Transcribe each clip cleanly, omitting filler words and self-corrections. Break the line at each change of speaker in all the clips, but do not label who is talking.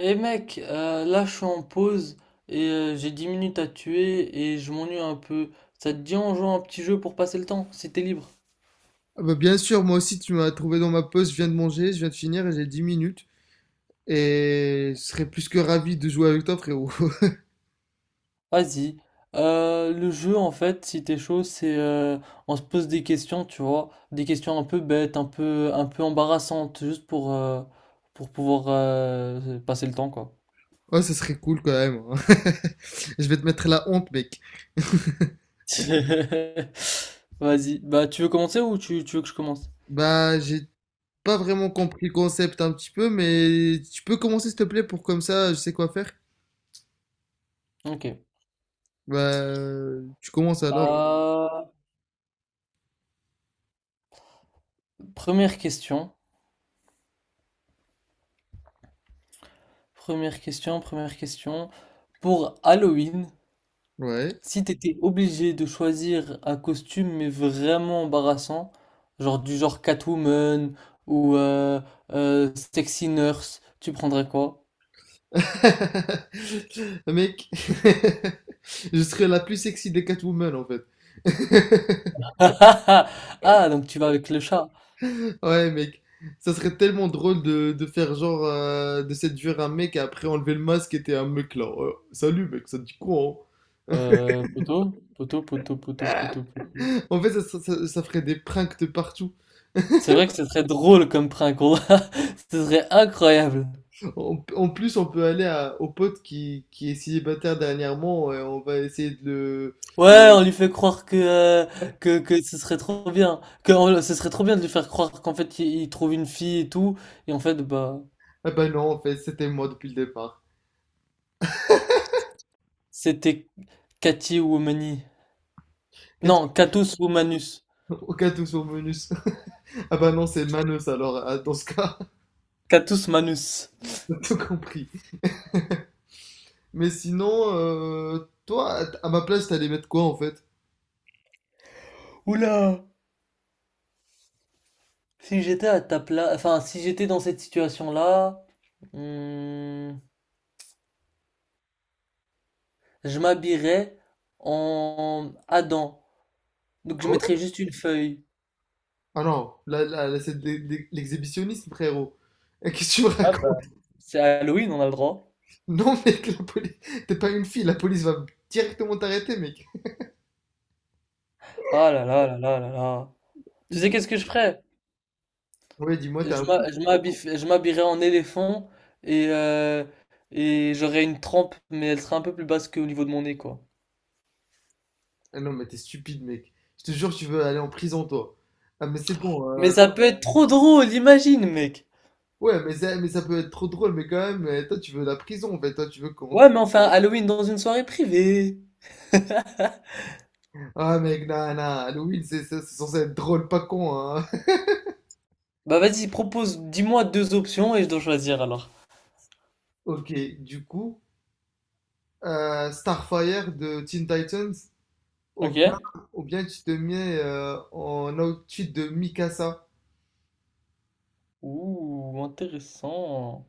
Eh mec, là je suis en pause et j'ai 10 minutes à tuer et je m'ennuie un peu. Ça te dit on joue à un petit jeu pour passer le temps, si t'es libre.
Ah bah, bien sûr, moi aussi, tu m'as trouvé dans ma pause. Je viens de manger, je viens de finir et j'ai 10 minutes. Et je serais plus que ravi de jouer avec toi, frérot.
Vas-y. Le jeu en fait, si t'es chaud, c'est on se pose des questions, tu vois, des questions un peu bêtes, un peu embarrassantes, juste pour pour pouvoir passer le temps quoi.
Ouais, ça serait cool quand même, hein. Je vais te mettre la honte, mec.
Vas-y. Bah tu veux commencer ou tu veux que je commence?
Bah, j'ai pas vraiment compris le concept un petit peu, mais tu peux commencer, s'il te plaît, pour comme ça, je sais quoi faire.
Ok.
Bah, tu commences alors.
Euh, première question. Première question, première question. Pour Halloween,
Ouais.
si t'étais obligé de choisir un costume mais vraiment embarrassant, genre du genre Catwoman ou Sexy Nurse, tu prendrais quoi?
Mec, je serais la plus sexy des Catwoman, en fait.
Ah, donc tu vas avec le chat.
Ouais, mec, ça serait tellement drôle de faire genre de séduire un mec et après enlever le masque et t'es un mec là. Salut mec, ça te dit quoi,
Poteau, poteau, poteau, poteau, poteau, poteau.
hein. En fait, ça ferait des pranks de partout.
C'est vrai que ce serait drôle comme prank, on- ce serait incroyable.
En plus, on peut aller à, au pote qui est célibataire dernièrement et on va essayer de le.
Ouais, on lui fait croire que, que ce serait trop bien. Que on- ce serait trop bien de lui faire croire qu'en fait il trouve une fille et tout. Et en fait, bah.
Ah bah non, en fait, c'était moi depuis le départ.
C'était Cati Woumani. Non, Catus Womanus.
Aucun tout sur bonus. Ah bah non, c'est Manos alors, ah, dans ce cas,
Catus Manus.
t'as tout compris. Mais sinon, toi, à ma place, t'allais mettre quoi en fait?
Oula! Si j'étais à ta place, enfin, si j'étais dans cette situation-là, hmm, je m'habillerais en Adam. Donc je mettrais juste une feuille.
Ah non, là, là, là, c'est de l'exhibitionnisme, frérot. Et qu'est-ce que tu me
Ah
racontes?
bah. C'est Halloween, on a le droit.
Non, mec, la police... T'es pas une fille, la police va directement t'arrêter, mec.
Ah là là là là là là. Tu sais qu'est-ce que je ferais?
Ouais, dis-moi, t'es un fou.
Je m'habillerais en éléphant et et j'aurais une trempe, mais elle serait un peu plus basse qu'au niveau de mon nez, quoi.
Ah non, mais t'es stupide, mec. Je te jure, tu veux aller en prison, toi. Ah, mais c'est bon.
Mais ça peut être trop drôle, imagine, mec.
Ouais, mais ça peut être trop drôle, mais quand même, toi, tu veux la prison, en fait. Toi, tu veux qu'on...
Ouais,
tue-
mais enfin, Halloween dans une soirée privée.
Ah, mec, non, non, Halloween, c'est c'est censé être drôle, pas con, hein.
Bah vas-y, propose, dis-moi deux options et je dois choisir alors.
Ok, du coup, Starfire de Teen Titans. Ou
Ok?
bien, ou bien tu te mets en outfit de Mikasa.
Ouh, intéressant.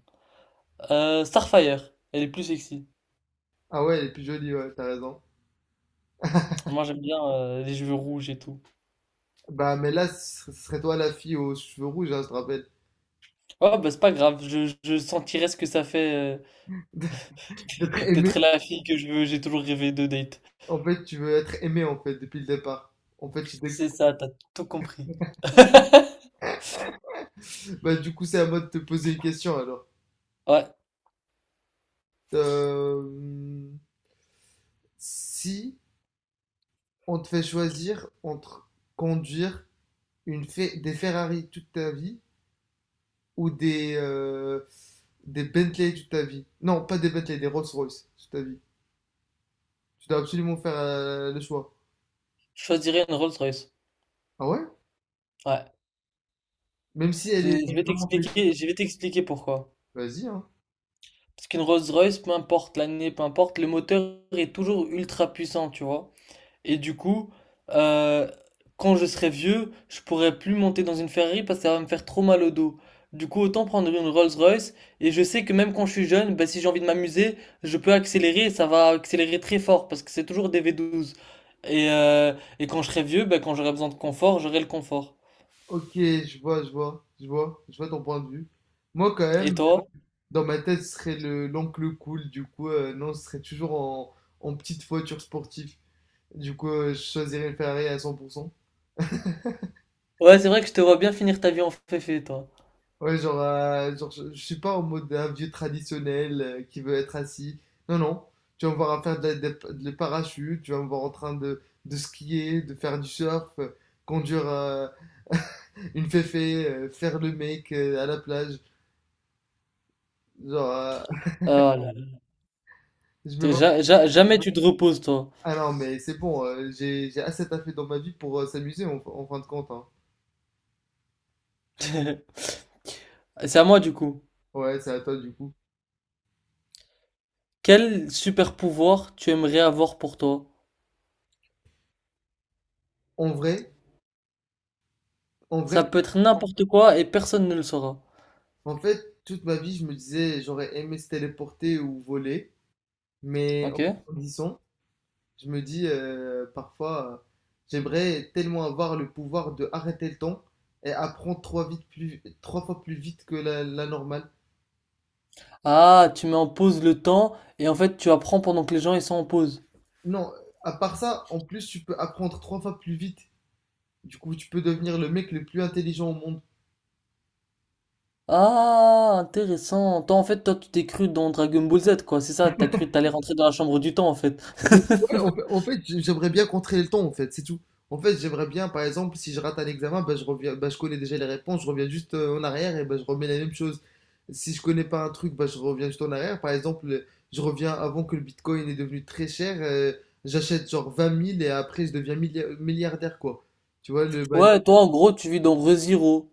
Starfire, elle est plus sexy.
Ah ouais, elle est plus jolie, ouais, t'as raison.
Moi j'aime bien les cheveux rouges et tout.
Bah, mais là, ce serait toi la fille aux cheveux rouges, hein, je te rappelle.
Oh bah c'est pas grave, je sentirais ce que ça fait
D'être
d'être
aimée.
la fille que je veux, j'ai toujours rêvé de date.
En fait, tu veux être aimée, en fait, depuis le départ. En fait, tu t'es-
C'est ça, t'as tout compris.
bah, du coup, c'est à moi de te poser une question, alors.
Ouais,
Euh, Si on te fait choisir entre conduire une des Ferrari toute ta vie ou des Bentley toute ta vie. Non, pas des Bentley, des Rolls-Royce toute ta vie. Tu dois absolument faire le choix.
je choisirais une Rolls-Royce.
Ah ouais?
Ouais,
Même si elle est vraiment flexible.
Je vais t'expliquer pourquoi.
Vas-y, hein.
Parce qu'une Rolls-Royce, peu importe l'année, peu importe, le moteur est toujours ultra puissant, tu vois. Et du coup, euh, quand je serai vieux, je pourrai plus monter dans une Ferrari parce que ça va me faire trop mal au dos. Du coup, autant prendre une Rolls-Royce. Et je sais que même quand je suis jeune, bah, si j'ai envie de m'amuser, je peux accélérer et ça va accélérer très fort parce que c'est toujours des V12. Et et quand je serai vieux, bah, quand j'aurai besoin de confort, j'aurai le confort.
Ok, je vois, je vois, je vois, je vois ton point de vue. Moi, quand même,
Et toi?
dans ma tête, ce serait le l'oncle cool. Du coup, non, ce serait toujours en petite voiture sportive. Du coup, je choisirais une Ferrari à 100%.
Ouais, c'est vrai que je te vois bien finir ta vie en féfé, toi.
Ouais, genre, genre je suis pas en mode un vieux traditionnel qui veut être assis. Non, non. Tu vas me voir à faire de la- de- le parachute, tu vas me voir en train de skier, de faire du surf, conduire une féfé, faire le mec à la plage. Genre,
Ah là là.
je me
T'es
vois.
jamais tu te reposes, toi.
Ah non, mais c'est bon, j'ai assez taffé dans ma vie pour s'amuser en fin de compte, hein.
C'est à moi du coup.
Ouais, c'est à toi du coup.
Quel super pouvoir tu aimerais avoir pour toi?
En vrai, en vrai,
Ça peut être n'importe quoi et personne ne le saura.
en fait, toute ma vie, je me disais, j'aurais aimé se téléporter ou voler, mais en
Ok?
grandissant, je me dis parfois, j'aimerais tellement avoir le pouvoir de arrêter le temps et apprendre trois fois plus vite que la normale.
Ah, tu mets en pause le temps et en fait tu apprends pendant que les gens ils sont en pause.
Non, à part ça, en plus, tu peux apprendre trois fois plus vite. Du coup, tu peux devenir le mec le plus intelligent au monde.
Ah, intéressant. Toi en fait toi tu t'es cru dans Dragon Ball Z quoi, c'est ça? T'as cru que t'allais rentrer dans la chambre du temps en fait.
Ouais, en fait, j'aimerais bien contrer le temps, en fait, c'est tout. En fait, j'aimerais bien, par exemple, si je rate un examen, bah, je reviens, bah, je connais déjà les réponses, je reviens juste en arrière et bah, je remets la même chose. Si je connais pas un truc, bah, je reviens juste en arrière. Par exemple, je reviens avant que le Bitcoin est devenu très cher, j'achète genre 20 000 et après je deviens milliardaire, quoi. Tu vois, le bail.
Ouais, toi en gros tu vis dans ReZero.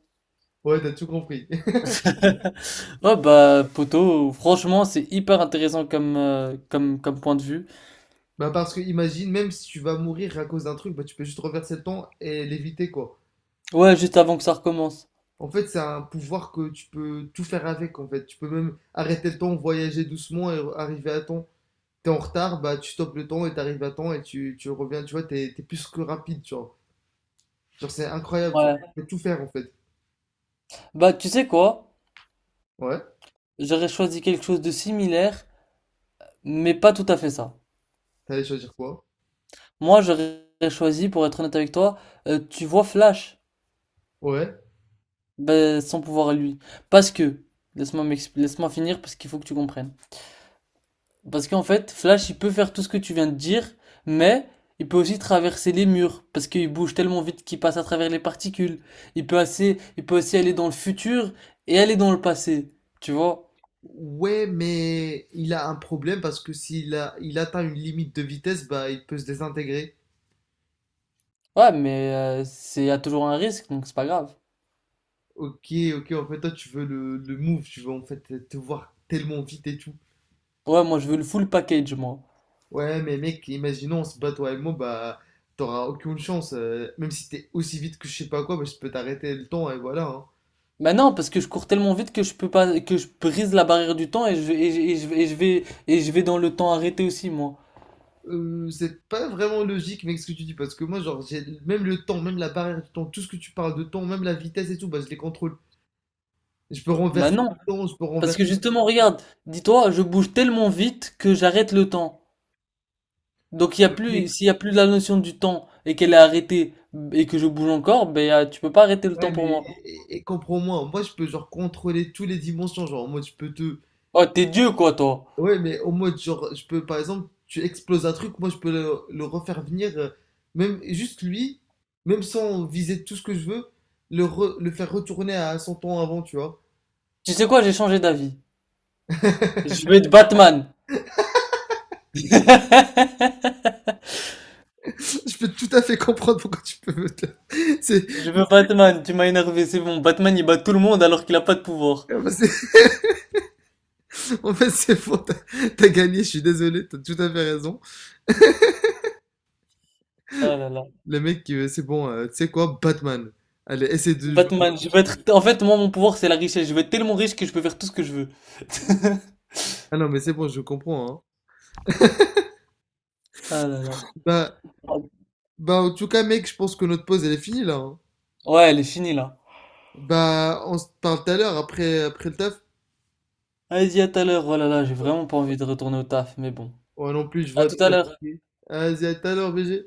Ouais, t'as tout compris.
Ouais bah poto, franchement c'est hyper intéressant comme point de vue.
Bah, parce que imagine, même si tu vas mourir à cause d'un truc, bah, tu peux juste reverser le temps et l'éviter, quoi.
Ouais, juste avant que ça recommence.
En fait, c'est un pouvoir que tu peux tout faire avec, en fait. Tu peux même arrêter le temps, voyager doucement et arriver à temps. T'es en retard, bah tu stoppes le temps et t'arrives à temps et tu reviens, tu vois, t'es plus que rapide, tu vois. Genre, c'est incroyable, genre.
Ouais.
Tu peux tout faire, en fait.
Bah tu sais quoi?
Ouais,
J'aurais choisi quelque chose de similaire, mais pas tout à fait ça.
t'allais choisir quoi?
Moi, j'aurais choisi, pour être honnête avec toi, tu vois Flash,
Ouais.
ben, son pouvoir à lui. Parce que, laisse-moi finir parce qu'il faut que tu comprennes. Parce qu'en fait, Flash, il peut faire tout ce que tu viens de dire, mais il peut aussi traverser les murs parce qu'il bouge tellement vite qu'il passe à travers les particules. Il peut assez, il peut aussi aller dans le futur et aller dans le passé, tu vois?
Ouais, mais il a un problème parce que s'il a, il atteint une limite de vitesse, bah il peut se désintégrer.
Ouais, mais il y a toujours un risque, donc c'est pas grave.
Ok, ok, en fait, toi, tu veux le move, tu veux en fait te voir tellement vite et tout.
Ouais, moi, je veux le full package, moi.
Ouais, mais mec, imaginons, on se bat toi et moi, bah, t'auras aucune chance. Même si t'es aussi vite que je sais pas quoi, bah, je peux t'arrêter le temps et voilà, hein.
Bah non, parce que je cours tellement vite que je peux pas, que je brise la barrière du temps et je, et je, et je, et je vais dans le temps arrêté aussi, moi.
C'est pas vraiment logique, mec, ce que tu dis, parce que moi, genre, j'ai même le temps, même la barrière du temps, tout ce que tu parles de temps, même la vitesse et tout, bah, je les contrôle. Je peux
Bah
renverser
non,
le temps, je peux
parce que
renverser.
justement, regarde, dis-toi, je bouge tellement vite que j'arrête le temps. Donc il y a plus,
Mec,
s'il y a plus la notion du temps et qu'elle est arrêtée et que je bouge encore, tu peux pas arrêter le
ouais,
temps
mais
pour moi.
et comprends-moi, moi, je peux, genre, contrôler toutes les dimensions, genre, moi, je peux te.
Oh, t'es Dieu quoi, toi.
Ouais, mais au mode, genre, je peux, par exemple, tu exploses un truc, moi, je peux le refaire venir, même juste lui, même sans viser tout ce que je veux, le faire retourner à son temps avant, tu vois.
Tu sais quoi, j'ai changé d'avis. Je veux être Batman.
Je peux tout à fait comprendre pourquoi tu peux. C'est,
Je veux Batman, tu m'as énervé, c'est bon. Batman il bat tout le monde alors qu'il a pas de pouvoir.
c'est- En fait, c'est faux, t'as gagné, je suis désolé, t'as tout à fait raison.
Oh là là.
Le mec, c'est bon, tu sais quoi, Batman. Allez, essaie de jouer.
Batman, je veux être. En fait, moi, mon pouvoir, c'est la richesse. Je veux être tellement riche que je peux faire tout ce que je veux.
Ah non, mais c'est bon, je comprends, hein.
Ah là là.
Bah, bah, en tout cas, mec, je pense que notre pause, elle est finie, là, hein.
Ouais, elle est finie là.
Bah, on se parle tout à l'heure après, après le taf.
Allez, y à tout à l'heure. Oh là là, j'ai vraiment pas envie de retourner au taf, mais bon.
Ouais, non plus, je
À
vois.
tout
Des-
à l'heure.
Vas-y, à tout à l'heure, BG.